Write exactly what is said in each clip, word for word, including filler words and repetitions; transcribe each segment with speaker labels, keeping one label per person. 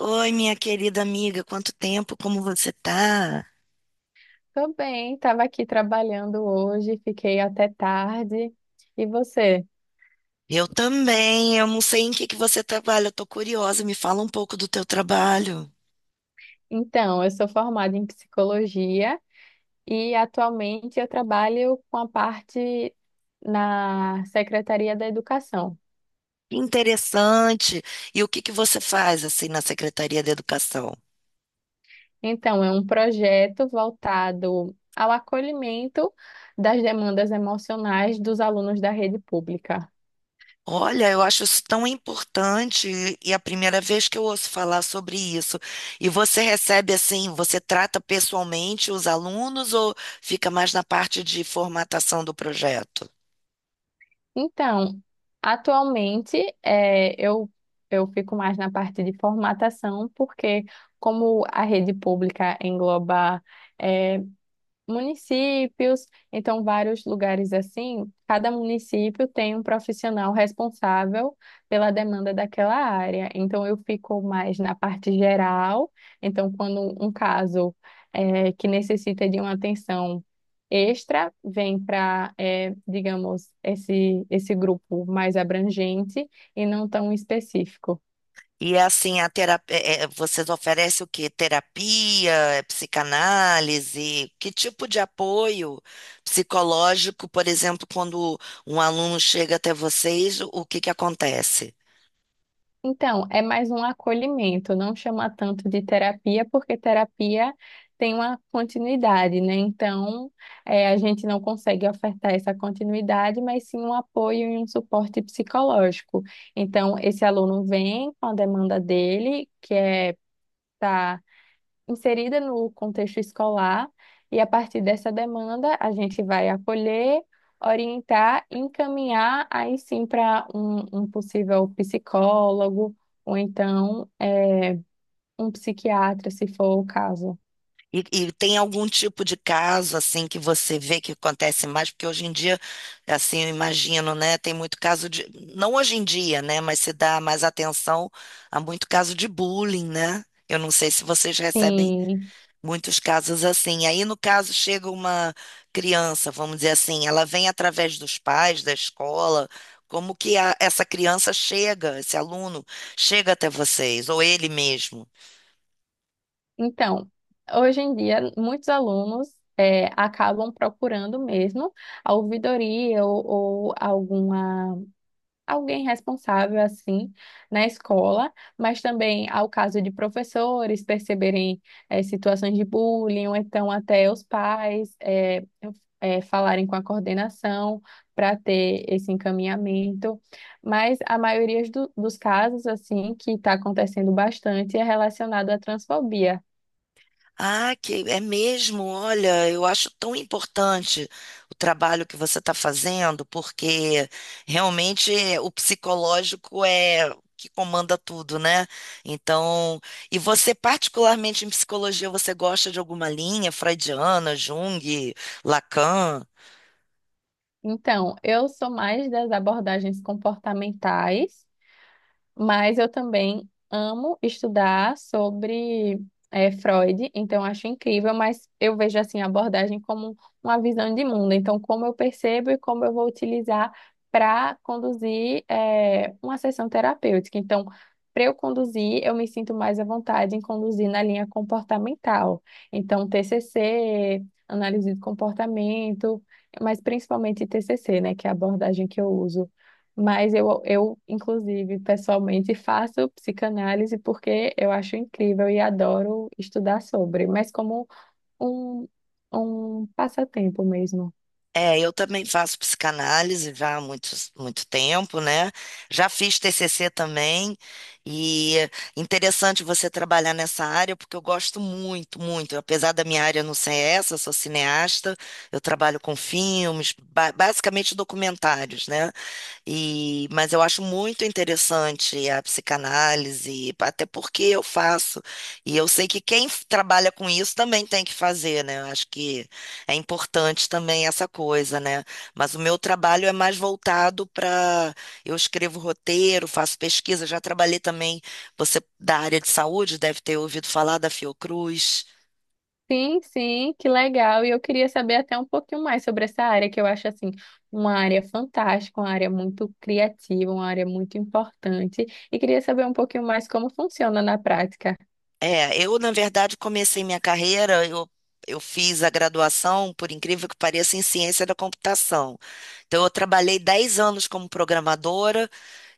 Speaker 1: Oi, minha querida amiga, quanto tempo, como você tá?
Speaker 2: Tô bem, estava aqui trabalhando hoje, fiquei até tarde. E você?
Speaker 1: Eu também, eu não sei em que que você trabalha, eu tô curiosa, me fala um pouco do teu trabalho.
Speaker 2: Então, eu sou formada em psicologia e atualmente eu trabalho com a parte na Secretaria da Educação.
Speaker 1: Que interessante. E o que que você faz assim na Secretaria da Educação?
Speaker 2: Então, é um projeto voltado ao acolhimento das demandas emocionais dos alunos da rede pública.
Speaker 1: Olha, eu acho isso tão importante e é a primeira vez que eu ouço falar sobre isso. E você recebe assim, você trata pessoalmente os alunos ou fica mais na parte de formatação do projeto?
Speaker 2: Então, atualmente é, eu, eu fico mais na parte de formatação, porque como a rede pública engloba eh, municípios, então vários lugares assim, cada município tem um profissional responsável pela demanda daquela área. Então eu fico mais na parte geral, então quando um caso é, que necessita de uma atenção extra vem para, digamos, esse, esse grupo mais abrangente e não tão específico.
Speaker 1: E é assim, a terapia, vocês oferecem o quê? Terapia, é, psicanálise? Que tipo de apoio psicológico, por exemplo, quando um aluno chega até vocês, o que que acontece?
Speaker 2: Então, é mais um acolhimento, não chama tanto de terapia, porque terapia tem uma continuidade, né? Então, eh, a gente não consegue ofertar essa continuidade, mas sim um apoio e um suporte psicológico. Então, esse aluno vem com a demanda dele, que é estar inserida no contexto escolar, e a partir dessa demanda, a gente vai acolher, orientar, encaminhar aí sim para um, um possível psicólogo, ou então eh, um psiquiatra, se for o caso.
Speaker 1: E, e tem algum tipo de caso assim que você vê que acontece mais? Porque hoje em dia, assim, eu imagino, né? Tem muito caso de, não hoje em dia, né? Mas se dá mais atenção a muito caso de bullying, né? Eu não sei se vocês recebem
Speaker 2: Sim.
Speaker 1: muitos casos assim. Aí, no caso, chega uma criança, vamos dizer assim, ela vem através dos pais, da escola. Como que a- essa criança chega, esse aluno chega até vocês, ou ele mesmo?
Speaker 2: Então, hoje em dia, muitos alunos. eh, acabam procurando mesmo a ouvidoria ou, ou alguma alguém responsável assim na escola, mas também ao caso de professores perceberem eh, situações de bullying, ou então até os pais eh, eh, falarem com a coordenação para ter esse encaminhamento. Mas a maioria do- dos casos assim que está acontecendo bastante é relacionado à transfobia.
Speaker 1: Ah, que é mesmo, olha, eu acho tão importante o trabalho que você está fazendo, porque realmente é, o psicológico é o que comanda tudo, né? Então, e você, particularmente em psicologia, você gosta de alguma linha freudiana, Jung, Lacan?
Speaker 2: Então, eu sou mais das abordagens comportamentais. Mas eu também amo estudar sobre eh, Freud, então acho incrível, mas eu vejo assim a abordagem como uma visão de mundo. Então, como eu percebo e como eu vou utilizar para conduzir eh, uma sessão terapêutica. Então, para eu conduzir, eu me sinto mais à vontade em conduzir na linha comportamental. Então, T C C, análise de comportamento, mas principalmente T C C, né, que é a abordagem que eu uso. Mas eu, eu, inclusive, pessoalmente faço psicanálise porque eu acho incrível e adoro estudar sobre, mas como um, um passatempo mesmo.
Speaker 1: É, eu também faço psicanálise já há muito, muito tempo, né? Já fiz T C C também, e é interessante você trabalhar nessa área, porque eu gosto muito, muito. Apesar da minha área não ser essa, eu sou cineasta, eu trabalho com filmes, ba- basicamente documentários, né? E, mas eu acho muito interessante a psicanálise, até porque eu faço. E eu sei que quem f- trabalha com isso também tem que fazer, né? Eu acho que é importante também essa coisa, né? Mas o meu trabalho é mais voltado para. Eu escrevo roteiro, faço pesquisa, já trabalhei também. Você da área de saúde deve ter ouvido falar da Fiocruz.
Speaker 2: Sim, sim, que legal. E eu queria saber até um pouquinho mais sobre essa área, que eu acho, assim, uma área fantástica, uma área muito criativa, uma área muito importante. E queria saber um pouquinho mais como funciona na prática.
Speaker 1: É, eu, na verdade, comecei minha carreira, eu, eu fiz a graduação, por incrível que pareça, em ciência da computação. Então, eu trabalhei dez anos como programadora,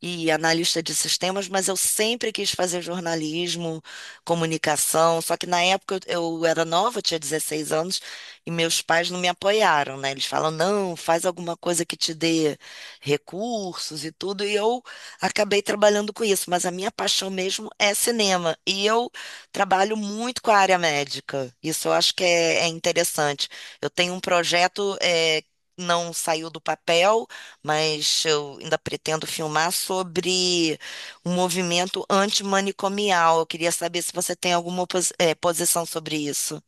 Speaker 1: e analista de sistemas, mas eu sempre quis fazer jornalismo, comunicação. Só que na época eu, eu era nova, eu tinha dezesseis anos, e meus pais não me apoiaram, né? Eles falam, não, faz alguma coisa que te dê recursos e tudo. E eu acabei trabalhando com isso, mas a minha paixão mesmo é cinema. E eu trabalho muito com a área médica. Isso eu acho que é, é interessante. Eu tenho um projeto. Eh, não saiu do papel, mas eu ainda pretendo filmar sobre um movimento antimanicomial. Eu queria saber se você tem alguma posi- eh, posição sobre isso.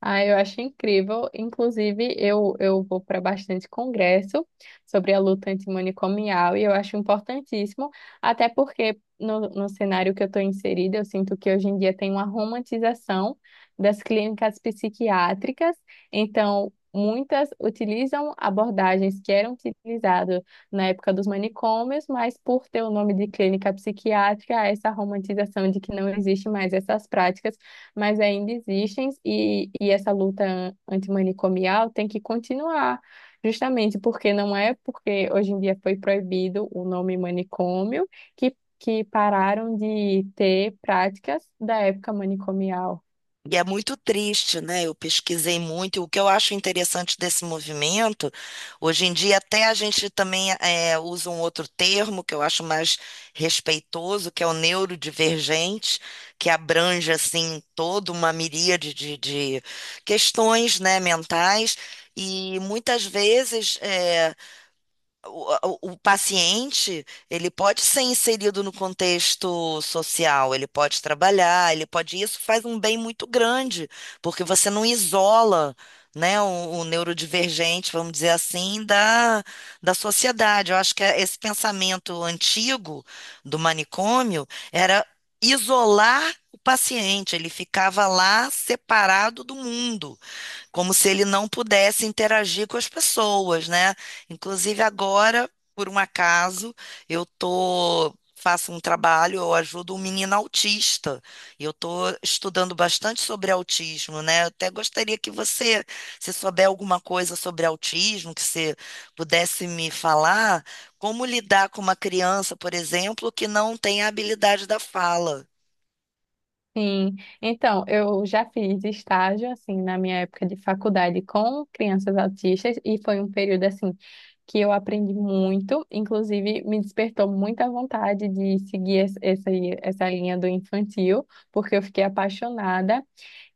Speaker 2: Ah, eu acho incrível. Inclusive, eu, eu vou para bastante congresso sobre a luta antimanicomial e eu acho importantíssimo, até porque no, no cenário que eu estou inserida, eu sinto que hoje em dia tem uma romantização das clínicas psiquiátricas, então muitas utilizam abordagens que eram utilizadas na época dos manicômios, mas por ter o nome de clínica psiquiátrica, há essa romantização de que não existe mais essas práticas, mas ainda existem e, e essa luta an- antimanicomial tem que continuar, justamente porque não é porque hoje em dia foi proibido o nome manicômio que, que pararam de ter práticas da época manicomial.
Speaker 1: E é muito triste, né? Eu pesquisei muito. E o que eu acho interessante desse movimento, hoje em dia, até a gente também eh, usa um outro termo que eu acho mais respeitoso, que é o neurodivergente, que abrange, assim, toda uma miríade de, de questões, né, mentais. E muitas vezes. eh, o, a- o- o paciente, ele pode ser inserido no contexto social, ele pode trabalhar, ele pode, isso faz um bem muito grande, porque você não isola, né, o, o neurodivergente, vamos dizer assim, da, da sociedade. Eu acho que é- esse pensamento antigo do manicômio era isolar o paciente, ele ficava lá separado do mundo como se ele não pudesse interagir com as pessoas, né? Inclusive agora, por um acaso, eu tô faço um trabalho, eu ajudo um menino autista. E eu tô estudando bastante sobre autismo, né? Eu até gostaria que você, se souber alguma coisa sobre autismo, que você pudesse me falar, como lidar com uma criança, por exemplo, que não tem a habilidade da fala.
Speaker 2: Sim, então, eu já fiz estágio, assim, na minha época de faculdade com crianças autistas e foi um período, assim, que eu aprendi muito, inclusive me despertou muita vontade de seguir es- essa, essa linha do infantil, porque eu fiquei apaixonada.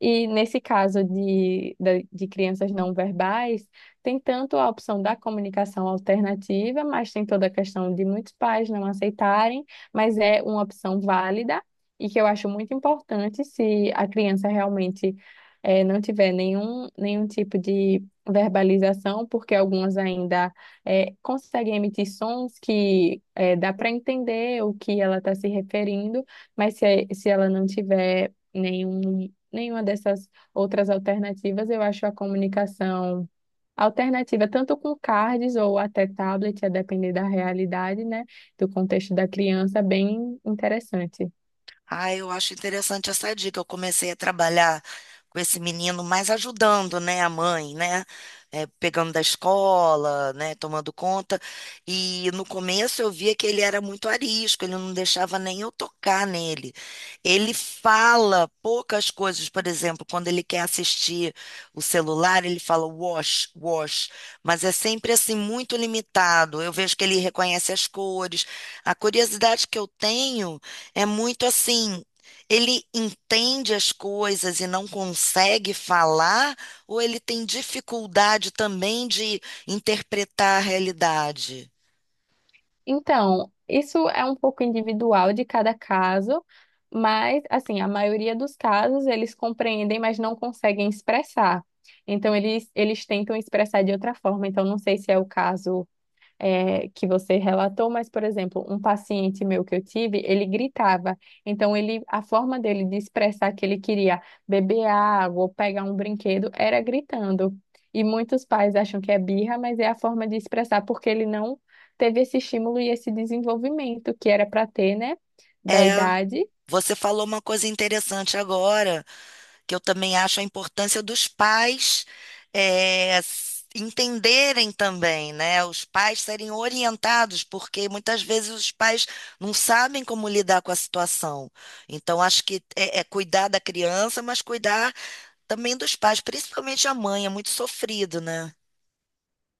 Speaker 2: E nesse caso de, da- de crianças não verbais, tem tanto a opção da comunicação alternativa, mas tem toda a questão de muitos pais não aceitarem, mas é uma opção válida e que eu acho muito importante se a criança realmente eh, não tiver nenhum, nenhum tipo de verbalização, porque algumas ainda eh, conseguem emitir sons que eh, dá para entender o que ela está se referindo, mas se, se ela não tiver nenhum, nenhuma dessas outras alternativas, eu acho a comunicação alternativa, tanto com cards ou até tablet, a depender da realidade, né, do contexto da criança, bem interessante.
Speaker 1: Ah, eu acho interessante essa dica. Eu comecei a trabalhar com esse menino, mas ajudando, né, a mãe, né, é, pegando da escola, né, tomando conta. E no começo eu via que ele era muito arisco, ele não deixava nem eu tocar nele. Ele fala poucas coisas, por exemplo, quando ele quer assistir o celular, ele fala wash, wash, mas é sempre assim muito limitado. Eu vejo que ele reconhece as cores. A curiosidade que eu tenho é muito assim, ele entende as coisas e não consegue falar, ou ele tem dificuldade também de interpretar a realidade?
Speaker 2: Então, isso é um pouco individual de cada caso, mas assim, a maioria dos casos eles compreendem, mas não conseguem expressar. Então, eles, eles tentam expressar de outra forma. Então, não sei se é o caso é, que você relatou, mas, por exemplo, um paciente meu que eu tive, ele gritava. Então, ele, a forma dele de expressar que ele queria beber água ou pegar um brinquedo era gritando. E muitos pais acham que é birra, mas é a forma de expressar, porque ele não teve esse estímulo e esse desenvolvimento que era para ter, né, da
Speaker 1: É,
Speaker 2: idade.
Speaker 1: você falou uma coisa interessante agora, que eu também acho a importância dos pais é, s- entenderem também, né? Os pais serem orientados, porque muitas vezes os pais não sabem como lidar com a situação. Então, acho que é, é cuidar da criança, mas cuidar também dos pais, principalmente a mãe, é muito sofrido, né?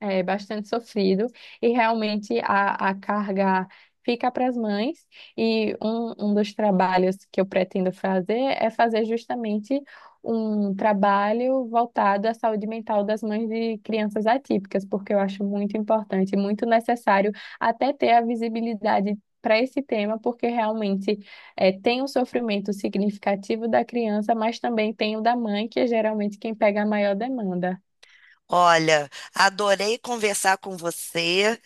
Speaker 2: É bastante sofrido e realmente a, a carga fica para as mães. E um, um dos trabalhos que eu pretendo fazer é fazer justamente um trabalho voltado à saúde mental das mães de crianças atípicas, porque eu acho muito importante, muito necessário até ter a visibilidade para esse tema, porque realmente é, tem um sofrimento significativo da criança, mas também tem o da mãe, que é geralmente quem pega a maior demanda.
Speaker 1: Olha, adorei conversar com você.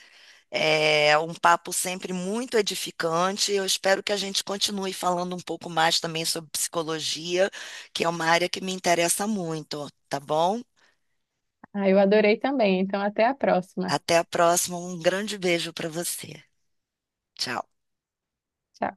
Speaker 1: É um papo sempre muito edificante. Eu espero que a gente continue falando um pouco mais também sobre psicologia, que é uma área que me interessa muito, tá bom?
Speaker 2: Ah, eu adorei também. Então, até a próxima.
Speaker 1: Até a próxima. Um grande beijo para você. Tchau.
Speaker 2: Tchau.